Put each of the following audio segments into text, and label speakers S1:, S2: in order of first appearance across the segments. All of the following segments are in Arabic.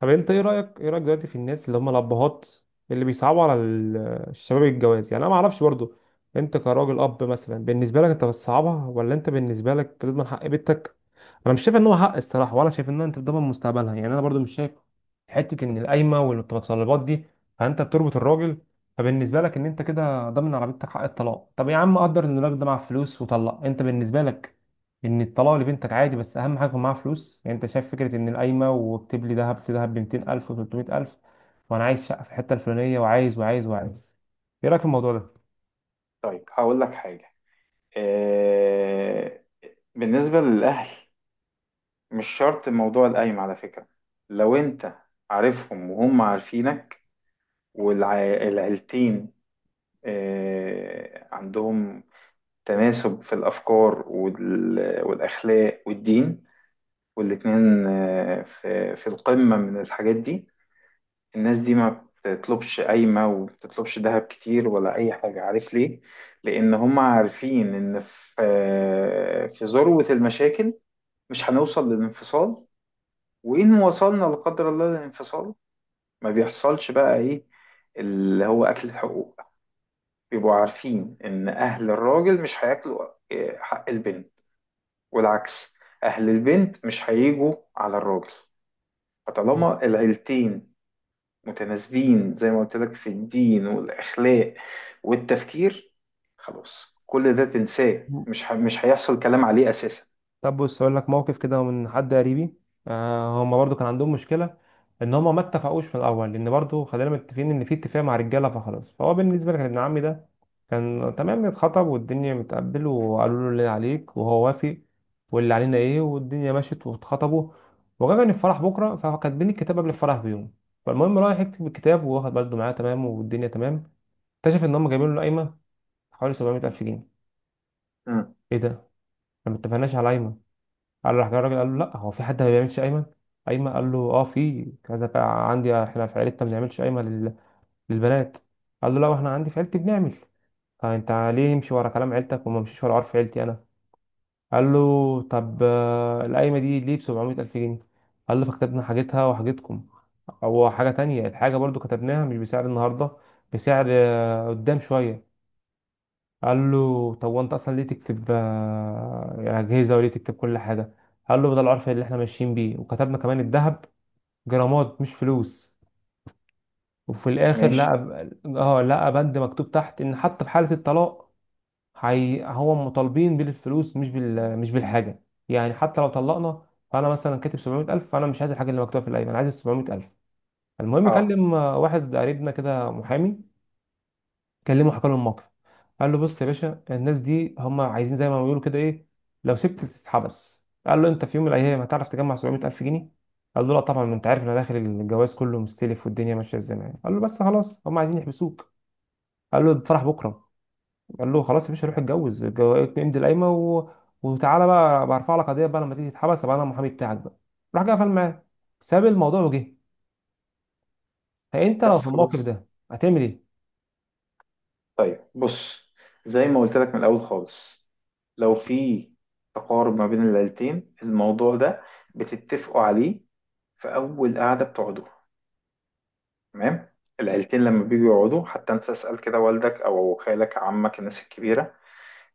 S1: طب انت ايه رايك دلوقتي في الناس اللي هم الابهات اللي بيصعبوا على الشباب الجواز. يعني انا ما اعرفش برضو، انت كراجل اب مثلا بالنسبه لك انت بتصعبها ولا انت بالنسبه لك لازم حق بنتك. انا مش شايف ان هو حق الصراحه، ولا شايف ان انت بتضمن مستقبلها. يعني انا برضو مش شايف حته ان القايمه والمتطلبات دي، فانت بتربط الراجل. فبالنسبه لك ان انت كده ضامن على بنتك حق الطلاق، طب يا عم قدر ان الراجل ده معاه فلوس وطلق، انت بالنسبه لك ان الطلاق لبنتك عادي بس اهم حاجه يكون معاها فلوس. يعني انت شايف فكره ان القايمه وبتبلي لي دهب لدهب ب 200000 و300000، وانا عايز شقه في الحته الفلانيه وعايز وعايز وعايز، ايه رايك في الموضوع
S2: طيب هقول لك حاجة. آه، بالنسبة للأهل، مش شرط موضوع القايمة على فكرة. لو أنت عارفهم وهم عارفينك والعيلتين عندهم تناسب في الأفكار والأخلاق والدين، والاتنين في القمة من الحاجات دي، الناس دي ما بتطلبش قايمة وبتطلبش ذهب كتير ولا أي حاجة. عارف ليه؟ لأن هم عارفين إن في في ذروة المشاكل مش هنوصل للانفصال، وإن وصلنا لا قدر الله للانفصال، ما بيحصلش بقى إيه اللي هو أكل الحقوق. بيبقوا عارفين إن أهل الراجل مش هياكلوا حق البنت، والعكس، أهل البنت مش هيجوا على الراجل.
S1: ده؟
S2: فطالما العيلتين متناسبين زي ما قلت لك في الدين والأخلاق والتفكير، خلاص كل ده تنساه، مش هيحصل كلام عليه أساسا.
S1: طب بص اقول لك موقف كده من حد قريبي. آه هم برضو كان عندهم مشكله ان هم ما اتفقوش من الاول، لان برضو خلينا متفقين ان في اتفاق مع رجاله فخلاص. فهو بالنسبه لك ابن عمي ده كان تمام، اتخطب والدنيا متقبل، وقالوا له اللي عليك وهو وافق واللي علينا ايه، والدنيا مشت واتخطبوا، وجاء الفرح بكره فكاتبين الكتاب قبل الفرح بيوم. فالمهم رايح يكتب الكتاب وواخد برضه معاه تمام والدنيا تمام، اكتشف ان هم جايبين له قايمه حوالي 700 الف جنيه.
S2: مم.
S1: ايه ده، ما اتفقناش على قايمه. قال راح جه الراجل قال له لا، هو في حد ما بيعملش قايمه؟ قايمه. قال له اه في كذا. بقى عندي احنا في عيلتنا ما بنعملش قايمه للبنات. قال له لا احنا عندي في عيلتي بنعمل. فانت ليه يمشي ورا كلام عيلتك وما مشيش ورا عرف عيلتي انا؟ قال له طب القايمه دي ليه ب 700 الف جنيه؟ قال له فكتبنا حاجتها وحاجتكم. هو حاجه تانية، الحاجه برضو كتبناها مش بسعر النهارده، بسعر قدام شويه. قال له طب وانت اصلا ليه تكتب اجهزه وليه تكتب كل حاجه؟ قال له ده العرف اللي احنا ماشيين بيه، وكتبنا كمان الذهب جرامات مش فلوس. وفي الاخر
S2: ماشي.
S1: لقى اه لقى بند مكتوب تحت ان حتى في حاله الطلاق هي هو مطالبين بالفلوس مش بال مش بالحاجه. يعني حتى لو طلقنا فانا مثلا كاتب 700000، فانا مش عايز الحاجه اللي مكتوبه في الايمان، انا عايز ال 700000. المهم
S2: اه.
S1: كلم واحد قريبنا كده محامي، كلمه حكى له الموقف. قال له بص يا باشا، الناس دي هم عايزين زي ما بيقولوا كده ايه، لو سبت تتحبس. قال له انت في يوم من الايام هتعرف تجمع 700 الف جنيه؟ قال له لا طبعا، ما انت عارف انا داخل الجواز كله مستلف، والدنيا ماشيه ازاي معايا. قال له بس خلاص هم عايزين يحبسوك. قال له الفرح بكره. قال له خلاص يا باشا، روح اتجوز، امضي القايمه و... وتعالى بقى برفع لك قضيه بقى، لما تيجي تتحبس ابقى انا المحامي بتاعك بقى. راح جه قفل معاه، ساب الموضوع وجه. فانت لو
S2: بس
S1: في الموقف
S2: خلاص.
S1: ده هتعمل ايه؟
S2: طيب بص، زي ما قلت لك من الأول خالص، لو في تقارب ما بين العيلتين، الموضوع ده بتتفقوا عليه في أول قعدة بتقعدوا. تمام. العيلتين لما بيجوا يقعدوا، حتى انت اسأل كده والدك او خالك عمك الناس الكبيرة،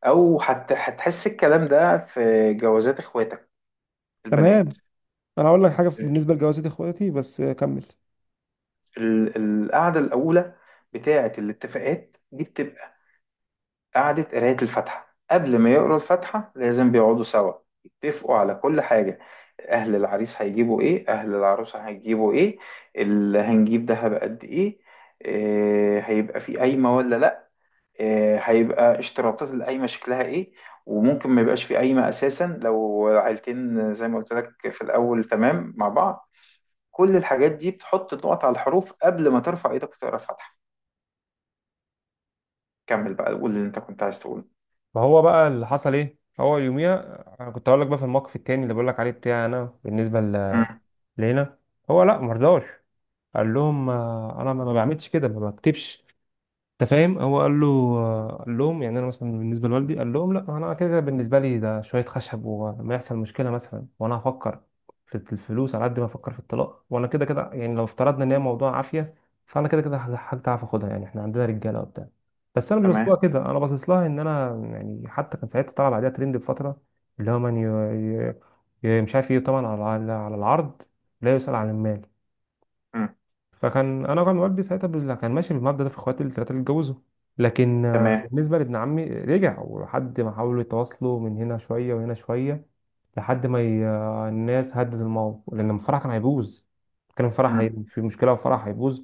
S2: هتحس الكلام ده في جوازات اخواتك البنات.
S1: تمام. انا اقول لك حاجه بالنسبه لجوازات اخواتي، بس كمل.
S2: القعده الاولى بتاعه الاتفاقات دي بتبقى قعده قرايه الفاتحه. قبل ما يقرا الفاتحه لازم بيقعدوا سوا يتفقوا على كل حاجه. اهل العريس هيجيبوا ايه، اهل العروسه هيجيبوا ايه، اللي هنجيب دهب قد ايه، إيه هيبقى في قايمه ولا لا، هيبقى اشتراطات القايمة شكلها ايه. وممكن ما يبقاش في قايمة اساسا لو عيلتين زي ما قلت لك في الاول تمام مع بعض. كل الحاجات دي بتحط النقط على الحروف قبل ما ترفع ايدك وتقرا الفاتحة. كمل بقى، قول اللي انت كنت عايز تقوله.
S1: ما هو بقى اللي حصل ايه، هو يوميها انا كنت هقول لك بقى في الموقف التاني اللي بقول لك عليه بتاعي انا، بالنسبه
S2: مم.
S1: لينا. هو لا مرضاش، قال لهم انا ما بعملش كده ما بكتبش. انت فاهم هو قال له قال لهم يعني انا مثلا بالنسبه لوالدي، قال لهم لا انا كده كده بالنسبه لي ده شويه خشب، ولما يحصل مشكله مثلا، وانا هفكر في الفلوس على قد ما افكر في الطلاق، وانا كده كده يعني لو افترضنا ان هي موضوع عافيه، فانا كده كده حاجه تعرف اخدها، يعني احنا عندنا رجاله وبتاع. بس انا مش باصص
S2: تمام.
S1: لها كده، انا باصص لها ان انا يعني. حتى كان ساعتها طلع بعدها ترند بفتره، اللي هو من مش عارف ايه، طبعا على العرض، لا يسال عن المال.
S2: مم.
S1: فكان انا كان والدي ساعتها كان ماشي بالمبدأ ده في اخواتي الثلاثه اللي اتجوزوا. لكن
S2: تمام.
S1: بالنسبه لابن عمي رجع، ولحد ما حاولوا يتواصلوا من هنا شويه وهنا شويه، لحد ما ي... آه، الناس هدت الموضوع، لان الفرح كان هيبوظ. كان الفرح
S2: مم.
S1: في مشكله وفرح هيبوظ،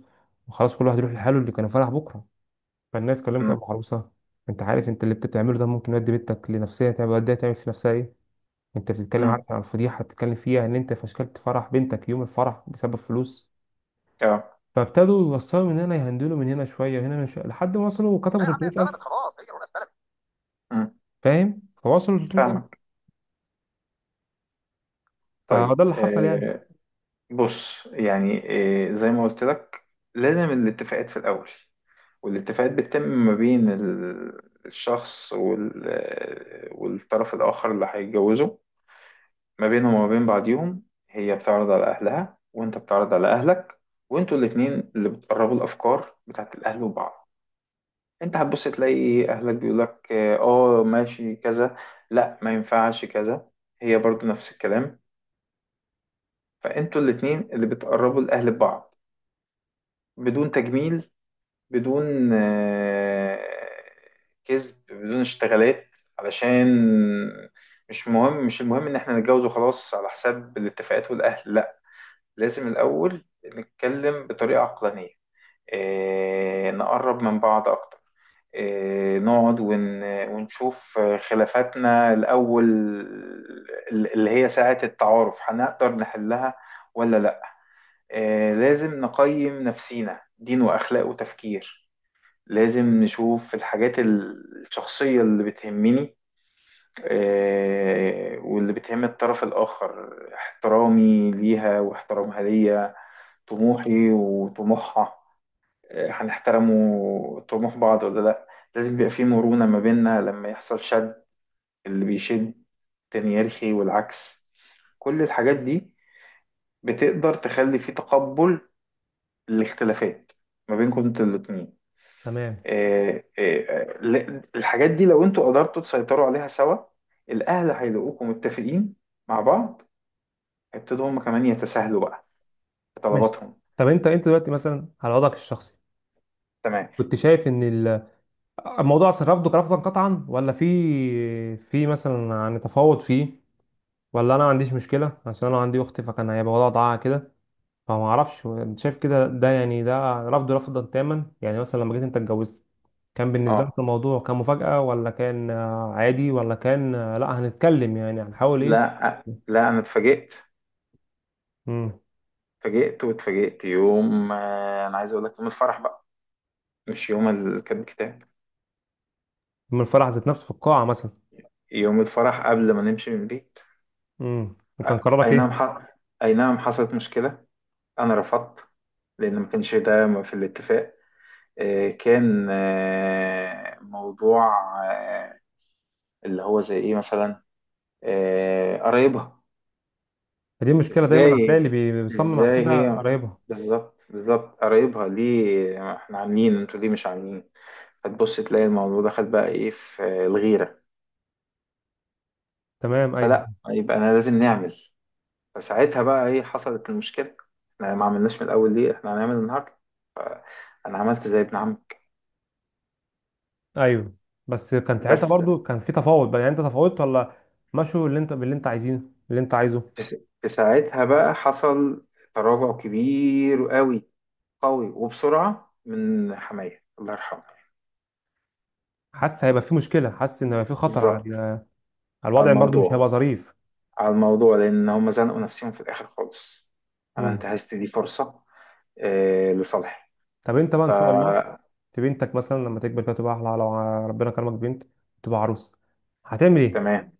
S1: وخلاص كل واحد يروح لحاله، اللي كان الفرح بكره. فالناس كلمت
S2: مم.
S1: ابو عروسه، انت عارف انت اللي بتعمله ده ممكن يودي بنتك لنفسيه تعمل، وديها تعمل في نفسها ايه. انت بتتكلم
S2: مم.
S1: عارف عن الفضيحه، بتتكلم فيها ان انت فشكلت فرح بنتك يوم الفرح بسبب فلوس.
S2: اه.
S1: فابتدوا يوصلوا من هنا، يهندلوا من هنا شويه وهنا من شويه، لحد ما وصلوا وكتبوا
S2: لا يا عم، هي
S1: 300000.
S2: اتسلمت خلاص، هي الورقه اتسلمت. مم.
S1: فاهم، فوصلوا 300000.
S2: فاهمك.
S1: فهو
S2: طيب
S1: ده اللي حصل يعني.
S2: بص، يعني إيه، زي ما قلت لك لازم الاتفاقات في الأول. والاتفاقات بتتم ما بين الشخص والطرف الآخر اللي هيتجوزه. ما بينهم وما بين بعضيهم، هي بتعرض على أهلها وأنت بتعرض على أهلك. وأنتوا الاتنين اللي بتقربوا الأفكار بتاعت الأهل وبعض. أنت هتبص تلاقي إيه، أهلك بيقولك آه، ماشي كذا، لأ ما ينفعش كذا. هي برضو نفس الكلام. فأنتوا الاتنين اللي بتقربوا الأهل ببعض، بدون تجميل، بدون كذب، بدون اشتغالات. علشان مش مهم، مش المهم ان احنا نتجوز وخلاص على حساب الاتفاقات والاهل، لا. لازم الاول نتكلم بطريقة عقلانية، نقرب من بعض اكتر، نقعد ونشوف خلافاتنا الاول، اللي هي ساعة التعارف، هنقدر نحلها ولا لا. لازم نقيم نفسينا دين واخلاق وتفكير، لازم نشوف الحاجات الشخصية اللي بتهمني واللي بتهم الطرف الآخر، احترامي ليها واحترامها ليا، طموحي وطموحها، هنحترموا طموح بعض ولا لأ. لازم يبقى في مرونة ما بيننا، لما يحصل شد، اللي بيشد تاني يرخي، والعكس. كل الحاجات دي بتقدر تخلي في تقبل الاختلافات ما بينكم انتوا الاتنين.
S1: تمام
S2: الحاجات دي لو انتوا قدرتوا تسيطروا عليها سوا، الاهل هيلاقوكم متفقين مع بعض، هيبتدوا هم كمان يتساهلوا بقى في
S1: ماشي.
S2: طلباتهم.
S1: طب انت انت دلوقتي مثلا على وضعك الشخصي
S2: تمام.
S1: كنت شايف ان الموضوع اصلا رفضك رفضا قطعا، ولا في مثلا يعني تفاوض فيه، ولا انا ما عنديش مشكله عشان انا عندي اختي فكان هيبقى وضعها كده؟ فما اعرفش انت شايف كده ده، يعني ده رفض رفضا تاما؟ يعني مثلا لما جيت انت اتجوزت كان بالنسبة لك
S2: اه،
S1: الموضوع كان مفاجأة، ولا كان عادي، ولا كان لا هنتكلم يعني هنحاول ايه؟
S2: لا انا اتفاجئت.
S1: امم.
S2: اتفاجئت، واتفاجئت يوم انا عايز اقول لك يوم الفرح بقى، مش يوم كاتب الكتاب.
S1: من الفرح ذات نفسه في القاعة مثلا؟
S2: يوم الفرح قبل ما نمشي من البيت.
S1: امم.
S2: أ-
S1: وكان قرارك
S2: اي نعم
S1: ايه؟
S2: ح... اي نعم، حصلت مشكلة. انا رفضت لان ما كانش ده في الاتفاق. كان موضوع، آه، اللي هو زي ايه مثلا، آه قرايبها.
S1: فدي المشكلة دايما، هتلاقي
S2: ازاي
S1: اللي بيصمم على
S2: ازاي
S1: كده
S2: هي؟
S1: قرايبها.
S2: بالظبط بالظبط، قرايبها ليه احنا عاملين، انتوا ليه مش عاملين. فتبص تلاقي الموضوع ده خد بقى ايه في الغيرة.
S1: تمام ايوه.
S2: فلا، يبقى انا لازم نعمل. فساعتها بقى ايه، حصلت المشكلة. احنا ما عملناش من الاول، ليه احنا هنعمل النهارده. انا عملت زي ابن عمك.
S1: ايوه بس كان ساعتها
S2: بس
S1: برضو كان في تفاوض بقى، يعني انت تفاوضت ولا مشوا اللي انت باللي انت عايزينه اللي انت عايزه؟
S2: في س- في ساعتها بقى حصل تراجع كبير قوي، قوي وبسرعة من حماية الله يرحمه.
S1: حاسس هيبقى في مشكلة، حاسس ان هيبقى في خطر على
S2: بالظبط،
S1: على
S2: على
S1: الوضع، برضو مش
S2: الموضوع،
S1: هيبقى ظريف.
S2: على الموضوع لأن هم زنقوا نفسهم في الآخر خالص. أنا
S1: مم.
S2: انتهزت دي فرصة آه لصالحي.
S1: طب انت بقى ان شاء الله في بنتك مثلا لما تكبر كده تبقى احلى، لو ربنا كرمك بنت تبقى عروسه هتعمل ايه؟
S2: تمام،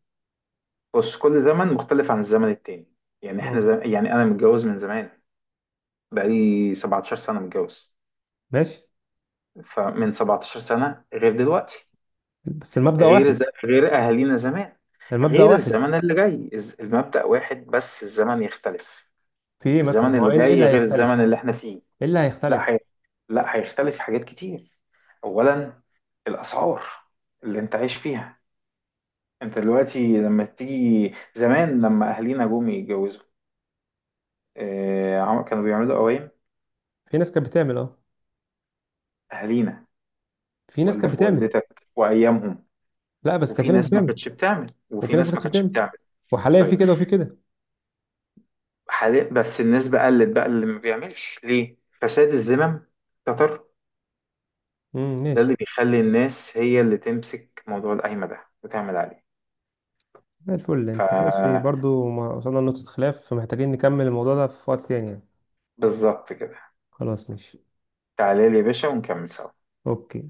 S2: بص، كل زمن مختلف عن الزمن التاني. يعني إحنا
S1: مم.
S2: يعني أنا متجوز من زمان، بقالي 17 سنة متجوز.
S1: ماشي.
S2: فمن 17 سنة غير دلوقتي،
S1: بس المبدأ واحد.
S2: غير أهالينا زمان،
S1: المبدأ
S2: غير
S1: واحد.
S2: الزمن اللي جاي، المبدأ واحد بس الزمن يختلف.
S1: في ايه مثلا،
S2: الزمن
S1: ما هو
S2: اللي
S1: ايه
S2: جاي
S1: اللي
S2: غير
S1: هيختلف؟
S2: الزمن اللي إحنا فيه.
S1: ايه اللي هيختلف؟
S2: لا هي... لا هيختلف حاجات كتير. اولا، الاسعار اللي انت عايش فيها انت دلوقتي، لما تيجي زمان لما اهالينا جم يتجوزوا، كانوا بيعملوا قوايم.
S1: في ناس كانت بتعمل اه.
S2: اهالينا،
S1: في ناس كانت
S2: والدك
S1: بتعمل.
S2: ووالدتك وايامهم.
S1: لا بس كان
S2: وفي
S1: في ناس
S2: ناس ما
S1: بتعمل
S2: كانتش بتعمل، وفي
S1: وفي ناس ما
S2: ناس ما
S1: كانتش
S2: كانتش
S1: بتعمل.
S2: بتعمل.
S1: وحاليا في
S2: طيب،
S1: كده وفي كده.
S2: حاليا بس النسبة قلت بقى اللي ما بيعملش، ليه؟ فساد الذمم كتر. ده
S1: ماشي.
S2: اللي بيخلي الناس هي اللي تمسك موضوع القايمة ده وتعمل عليه.
S1: زي الفل، انت ماشي
S2: فبالظبط
S1: برضو، ما وصلنا لنقطة خلاف، فمحتاجين نكمل الموضوع ده في وقت تاني يعني.
S2: كده.
S1: خلاص ماشي.
S2: تعالى لي يا باشا ونكمل سوا.
S1: اوكي.